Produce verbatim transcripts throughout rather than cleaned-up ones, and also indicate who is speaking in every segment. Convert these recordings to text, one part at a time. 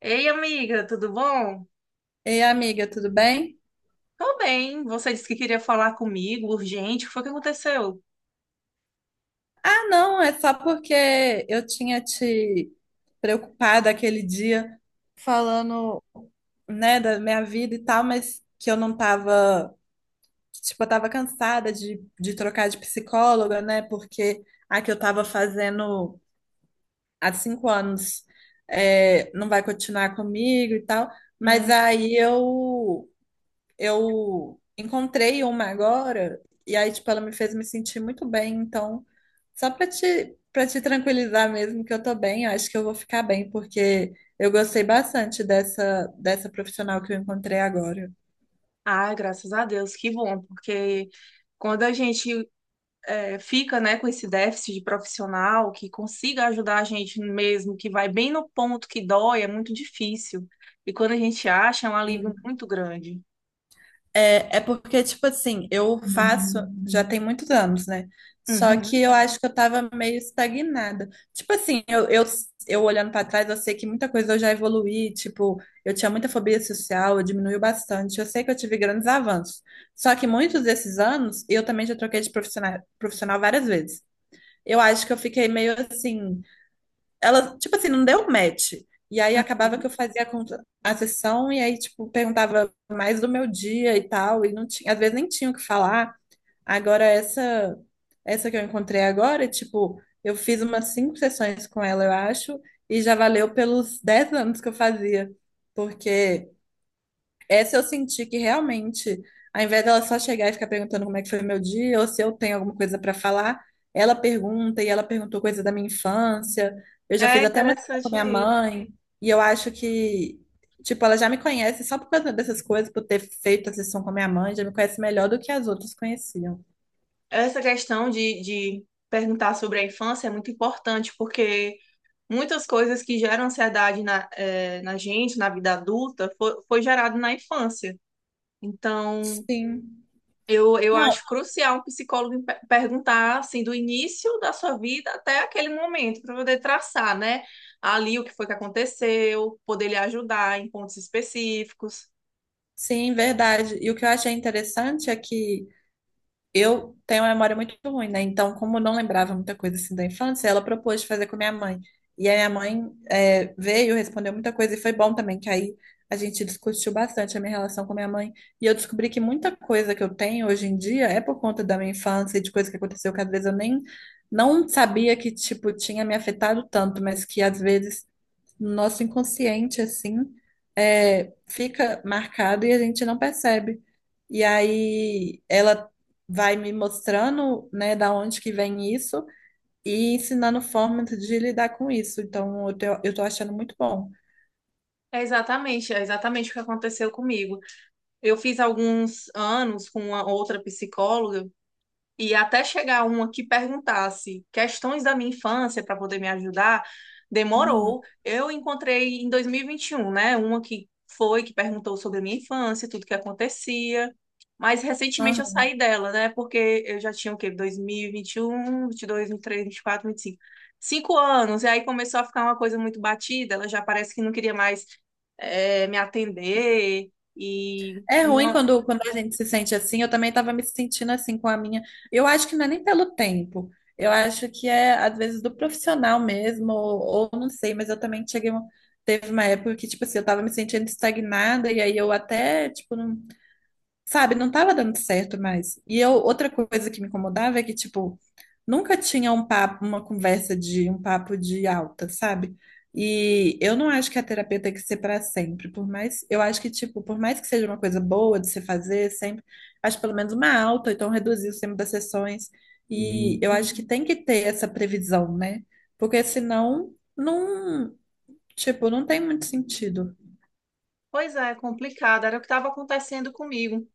Speaker 1: Ei, amiga, tudo bom?
Speaker 2: Ei, amiga, tudo bem?
Speaker 1: Tô bem. Você disse que queria falar comigo, urgente. O que foi que aconteceu?
Speaker 2: Ah, não, é só porque eu tinha te preocupado aquele dia falando, né, da minha vida e tal, mas que eu não tava, tipo, eu tava cansada de, de trocar de psicóloga, né, porque a que eu tava fazendo há cinco anos é, não vai continuar comigo e tal, mas
Speaker 1: Hum.
Speaker 2: aí eu eu encontrei uma agora, e aí, tipo, ela me fez me sentir muito bem. Então, só pra te, para te tranquilizar mesmo que eu tô bem, eu acho que eu vou ficar bem, porque eu gostei bastante dessa, dessa profissional que eu encontrei agora.
Speaker 1: Ah, graças a Deus, que bom, porque quando a gente é, fica, né, com esse déficit de profissional que consiga ajudar a gente mesmo, que vai bem no ponto que dói, é muito difícil. E quando a gente acha, é um alívio muito grande.
Speaker 2: É, é porque, tipo assim, eu faço já tem muitos anos, né? Só que
Speaker 1: Uhum.
Speaker 2: eu acho que eu tava meio estagnada. Tipo assim, eu, eu, eu olhando pra trás, eu sei que muita coisa eu já evoluí. Tipo, eu tinha muita fobia social, eu diminuiu bastante. Eu sei que eu tive grandes avanços. Só que muitos desses anos, eu também já troquei de profissional, profissional várias vezes. Eu acho que eu fiquei meio assim. Ela, tipo assim, não deu match. E aí acabava que eu fazia a, contra- a sessão e aí, tipo, perguntava mais do meu dia e tal, e não tinha, às vezes nem tinha o que falar. Agora essa essa que eu encontrei agora, tipo, eu fiz umas cinco sessões com ela, eu acho, e já valeu pelos dez anos que eu fazia, porque essa eu senti que realmente, ao invés dela só chegar e ficar perguntando como é que foi meu dia, ou se eu tenho alguma coisa para falar, ela pergunta e ela perguntou coisa da minha infância. Eu já
Speaker 1: É
Speaker 2: fiz até uma história com
Speaker 1: interessante
Speaker 2: minha
Speaker 1: isso.
Speaker 2: mãe, e eu acho que, tipo, ela já me conhece só por causa dessas coisas, por ter feito a sessão com a minha mãe, já me conhece melhor do que as outras conheciam.
Speaker 1: Essa questão de, de perguntar sobre a infância é muito importante, porque muitas coisas que geram ansiedade na, eh, na gente, na vida adulta, foi, foi gerado na infância. Então,
Speaker 2: Sim.
Speaker 1: eu, eu
Speaker 2: Não,
Speaker 1: acho crucial um psicólogo pe- perguntar, assim, do início da sua vida até aquele momento, para poder traçar, né, ali o que foi que aconteceu, poder lhe ajudar em pontos específicos.
Speaker 2: sim, verdade. E o que eu achei interessante é que eu tenho uma memória muito ruim, né? Então, como eu não lembrava muita coisa assim da infância, ela propôs de fazer com a minha mãe. E a minha mãe é, veio, respondeu muita coisa e foi bom também, que aí a gente discutiu bastante a minha relação com a minha mãe. E eu descobri que muita coisa que eu tenho hoje em dia é por conta da minha infância e de coisa que aconteceu que às vezes eu nem não sabia que, tipo, tinha me afetado tanto, mas que às vezes no nosso inconsciente, assim, é, fica marcado e a gente não percebe. E aí ela vai me mostrando, né, da onde que vem isso e ensinando formas de lidar com isso. Então, eu tô, eu tô achando muito bom.
Speaker 1: É exatamente, é exatamente o que aconteceu comigo. Eu fiz alguns anos com uma outra psicóloga. E até chegar uma que perguntasse questões da minha infância para poder me ajudar,
Speaker 2: Hum.
Speaker 1: demorou. Eu encontrei em dois mil e vinte e um, né? Uma que foi, que perguntou sobre a minha infância, tudo que acontecia. Mas recentemente eu saí dela, né? Porque eu já tinha o quê? dois mil e vinte e um, vinte e dois, vinte e três, vinte e quatro, vinte e cinco. Cinco Cinco anos. E aí começou a ficar uma coisa muito batida. Ela já parece que não queria mais eh, me atender. E
Speaker 2: É ruim
Speaker 1: não.
Speaker 2: quando, quando a gente se sente assim. Eu também estava me sentindo assim com a minha. Eu acho que não é nem pelo tempo. Eu acho que é, às vezes, do profissional mesmo, ou, ou não sei, mas eu também cheguei a um- Teve uma época que, tipo assim, eu estava me sentindo estagnada, e aí eu até, tipo, não sabe, não tava dando certo mais. E eu, outra coisa que me incomodava é que, tipo, nunca tinha um papo, uma conversa de um papo de alta, sabe? E eu não acho que a terapia tem que ser para sempre, por mais, eu acho que tipo, por mais que seja uma coisa boa de se fazer sempre, acho pelo menos uma alta, ou então reduzir o tempo das sessões. E eu acho que tem que ter essa previsão, né? Porque senão não, tipo, não tem muito sentido.
Speaker 1: Pois é, complicado. Era o que estava acontecendo comigo.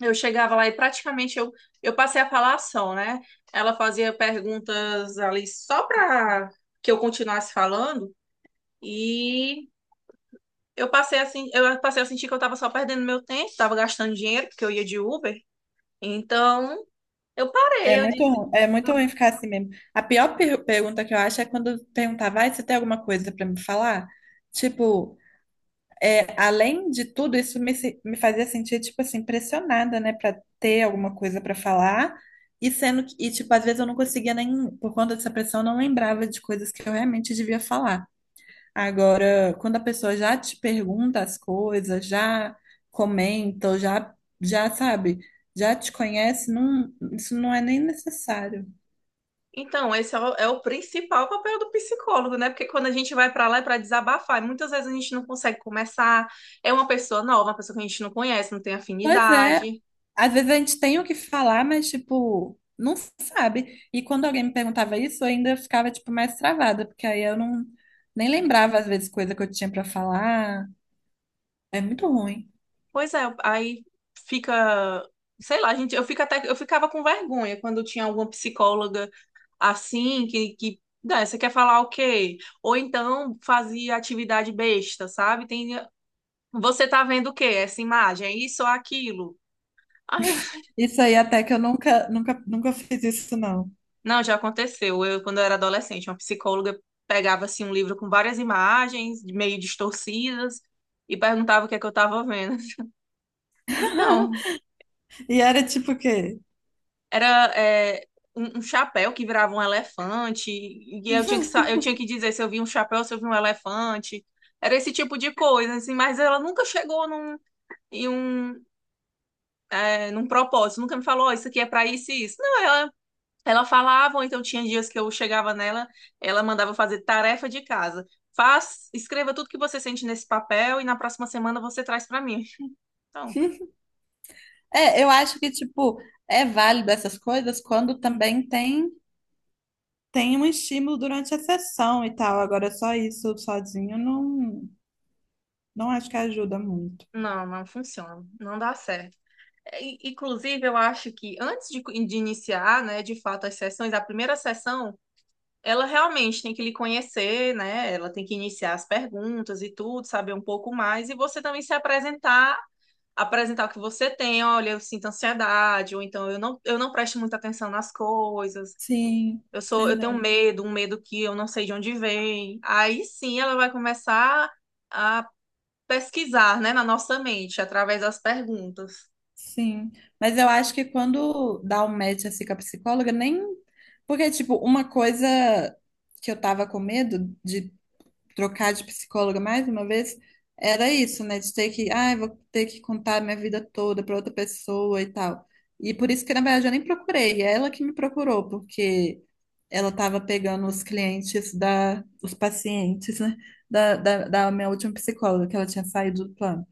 Speaker 1: Eu chegava lá e praticamente eu, eu passei a falar ação, né? Ela fazia perguntas ali só para que eu continuasse falando, e eu passei a, sen- eu passei a sentir que eu estava só perdendo meu tempo, estava gastando dinheiro porque eu ia de Uber. Então, eu
Speaker 2: É
Speaker 1: parei, eu
Speaker 2: muito,
Speaker 1: disse,
Speaker 2: ru- é muito ruim ficar assim mesmo. A pior per- pergunta que eu acho é quando perguntava, ah, você tem alguma coisa pra me falar? Tipo, além de tudo, isso me, se- me fazia sentir, tipo assim, pressionada, né, pra ter alguma coisa pra falar. E sendo que, e, tipo, às vezes eu não conseguia nem, por conta dessa pressão, eu não lembrava de coisas que eu realmente devia falar. Agora, quando a pessoa já te pergunta as coisas, já comenta, ou já, já sabe, já te conhece, não, isso não é nem necessário.
Speaker 1: então, esse é o, é o principal papel do psicólogo, né? Porque quando a gente vai para lá é para desabafar, e muitas vezes a gente não consegue começar. É uma pessoa nova, uma pessoa que a gente não conhece, não tem
Speaker 2: Pois é,
Speaker 1: afinidade.
Speaker 2: às vezes a gente tem o que falar, mas tipo, não sabe. E quando alguém me perguntava isso, eu ainda ficava tipo mais travada, porque aí eu não nem lembrava às vezes coisa que eu tinha pra falar. É muito ruim.
Speaker 1: Pois é, aí fica, sei lá, gente, eu fico até, eu ficava com vergonha quando tinha alguma psicóloga assim que, que "Ah, você quer falar o quê?" Ou então fazia atividade besta, sabe? Tem, você tá vendo o quê? Essa imagem, é isso ou aquilo? Aí eu-
Speaker 2: Isso aí até que eu nunca nunca nunca fiz isso não.
Speaker 1: não, já aconteceu. Eu, quando eu era adolescente, uma psicóloga pegava assim um livro com várias imagens meio distorcidas e perguntava o que é que eu tava vendo. Então,
Speaker 2: E era tipo o quê?
Speaker 1: era é, um, um chapéu que virava um elefante, e eu tinha que, sa- eu tinha que dizer se eu vi um chapéu, se eu vi um elefante. Era esse tipo de coisa, assim, mas ela nunca chegou num, em um, é, num propósito, nunca me falou, "Ó, isso aqui é pra isso e isso." Não, ela, ela falava, ou então tinha dias que eu chegava nela, ela mandava fazer tarefa de casa. Faz, escreva tudo que você sente nesse papel e na próxima semana você traz pra mim. Então,
Speaker 2: É, eu acho que tipo é válido essas coisas quando também tem tem um estímulo durante a sessão e tal. Agora só isso sozinho não não acho que ajuda muito.
Speaker 1: não, não funciona, não dá certo. Inclusive, eu acho que antes de, de iniciar, né, de fato, as sessões, a primeira sessão, ela realmente tem que lhe conhecer, né? Ela tem que iniciar as perguntas e tudo, saber um pouco mais, e você também se apresentar, apresentar o que você tem, olha, eu sinto ansiedade, ou então eu não, eu não presto muita atenção nas coisas,
Speaker 2: Sim,
Speaker 1: eu sou, eu tenho
Speaker 2: verdade.
Speaker 1: medo, um medo que eu não sei de onde vem. Aí sim ela vai começar a pesquisar, né, na nossa mente, através das perguntas.
Speaker 2: Sim. Mas eu acho que quando dá um match assim com a psicóloga, nem. Porque, tipo, uma coisa que eu tava com medo de trocar de psicóloga mais uma vez era isso, né? De ter que. Ah, eu vou ter que contar minha vida toda pra outra pessoa e tal. E por isso que, na verdade, eu nem procurei. É ela que me procurou, porque ela tava pegando os clientes da. Os pacientes, né? Da, da, da minha última psicóloga, que ela tinha saído do plano.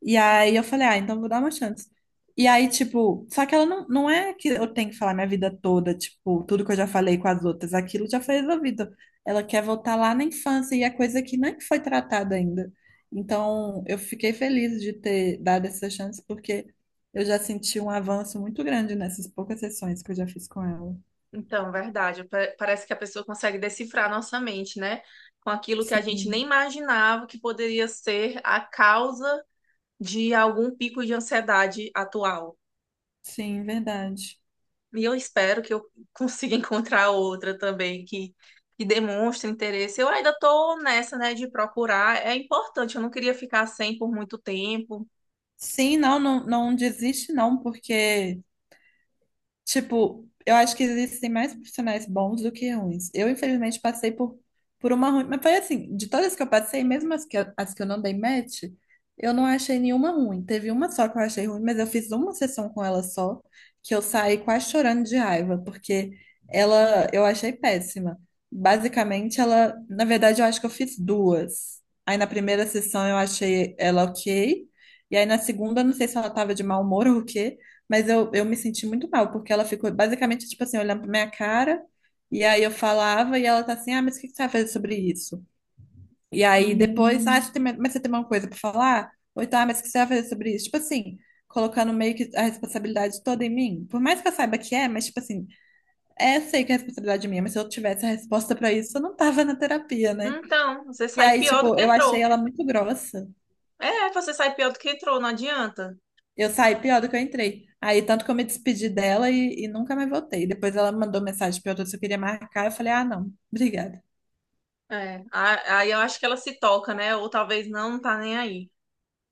Speaker 2: E aí eu falei, ah, então vou dar uma chance. E aí, tipo, só que ela não, não é que eu tenho que falar minha vida toda, tipo, tudo que eu já falei com as outras, aquilo já foi resolvido. Ela quer voltar lá na infância e é coisa que nem foi tratada ainda. Então, eu fiquei feliz de ter dado essa chance, porque eu já senti um avanço muito grande nessas poucas sessões que eu já fiz com ela.
Speaker 1: Então, verdade. Pa- Parece que a pessoa consegue decifrar nossa mente, né? Com aquilo que a gente nem
Speaker 2: Sim,
Speaker 1: imaginava que poderia ser a causa de algum pico de ansiedade atual.
Speaker 2: sim, verdade.
Speaker 1: E eu espero que eu consiga encontrar outra também que, que demonstre interesse. Eu ainda tô nessa, né, de procurar. É importante, eu não queria ficar sem por muito tempo.
Speaker 2: Sim, não, não, não desiste, não, porque tipo, eu acho que existem mais profissionais bons do que ruins. Eu, infelizmente, passei por, por uma ruim, mas foi assim, de todas que eu passei, mesmo as que, eu- as que eu não dei match, eu não achei nenhuma ruim. Teve uma só que eu achei ruim, mas eu fiz uma sessão com ela só, que eu saí quase chorando de raiva, porque ela eu achei péssima. Basicamente, ela, na verdade, eu acho que eu fiz duas. Aí na primeira sessão eu achei ela ok, e aí na segunda, não sei se ela tava de mau humor ou o quê. Mas eu, eu me senti muito mal, porque ela ficou basicamente, tipo assim, olhando pra minha cara, e aí eu falava, e ela tá assim, ah, mas o que que você vai fazer sobre isso? E aí depois, ah, hum, você tem, mas você tem uma coisa pra falar? Ou tá, mas o que você vai fazer sobre isso? Tipo assim, colocando meio que a responsabilidade toda em mim. Por mais que eu saiba que é, mas tipo assim, é, eu sei que é responsabilidade é minha, mas se eu tivesse a resposta pra isso, eu não tava na terapia, né?
Speaker 1: Então, você
Speaker 2: E
Speaker 1: sai
Speaker 2: aí,
Speaker 1: pior do
Speaker 2: tipo,
Speaker 1: que
Speaker 2: eu achei
Speaker 1: entrou.
Speaker 2: ela muito grossa.
Speaker 1: É, você sai pior do que entrou, não adianta.
Speaker 2: Eu saí pior do que eu entrei. Aí, tanto que eu me despedi dela e, e nunca mais voltei. Depois ela me mandou mensagem perguntando se eu queria marcar. Eu falei, ah, não, obrigada.
Speaker 1: É, a- aí eu acho que ela se toca, né? Ou talvez não, não tá nem aí.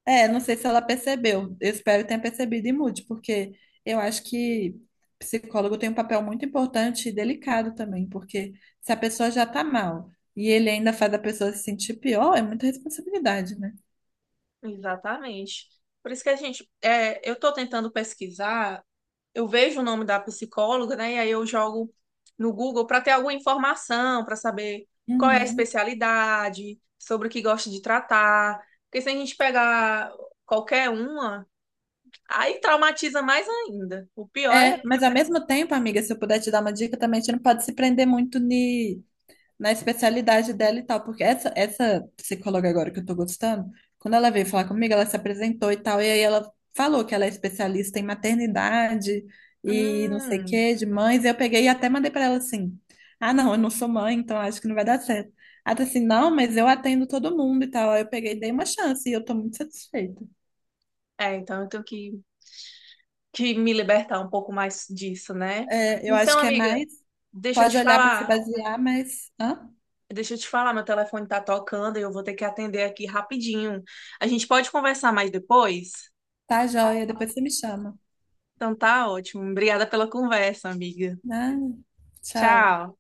Speaker 2: É, não sei se ela percebeu. Eu espero que tenha percebido e mude, porque eu acho que psicólogo tem um papel muito importante e delicado também, porque se a pessoa já tá mal e ele ainda faz a pessoa se sentir pior, é muita responsabilidade, né?
Speaker 1: Exatamente. Por isso que a gente, é, eu tô tentando pesquisar, eu vejo o nome da psicóloga, né? E aí eu jogo no Google para ter alguma informação, para saber qual é a
Speaker 2: Uhum.
Speaker 1: especialidade, sobre o que gosta de tratar. Porque se a gente pegar qualquer uma, aí traumatiza mais ainda. O pior é,
Speaker 2: É, mas ao mesmo tempo, amiga, se eu puder te dar uma dica também, a gente não pode se prender muito ni na especialidade dela e tal, porque essa, essa psicóloga agora que eu tô gostando, quando ela veio falar comigo, ela se apresentou e tal, e aí ela falou que ela é especialista em maternidade e não sei o
Speaker 1: hum,
Speaker 2: que, de mães, e eu peguei e até mandei pra ela assim, ah, não, eu não sou mãe, então acho que não vai dar certo. Ela disse assim, não, mas eu atendo todo mundo e tal, aí eu peguei e dei uma chance e eu tô muito satisfeita.
Speaker 1: é, então eu tenho que, que me libertar um pouco mais disso, né?
Speaker 2: É, eu acho
Speaker 1: Então,
Speaker 2: que é
Speaker 1: amiga,
Speaker 2: mais,
Speaker 1: deixa eu
Speaker 2: pode
Speaker 1: te
Speaker 2: olhar pra se
Speaker 1: falar,
Speaker 2: basear, mas, hã?
Speaker 1: deixa eu te falar, meu telefone tá tocando e eu vou ter que atender aqui rapidinho. A gente pode conversar mais depois?
Speaker 2: Tá joia, depois você me chama.
Speaker 1: Então tá ótimo. Obrigada pela conversa, amiga.
Speaker 2: Ah, tchau.
Speaker 1: Tchau.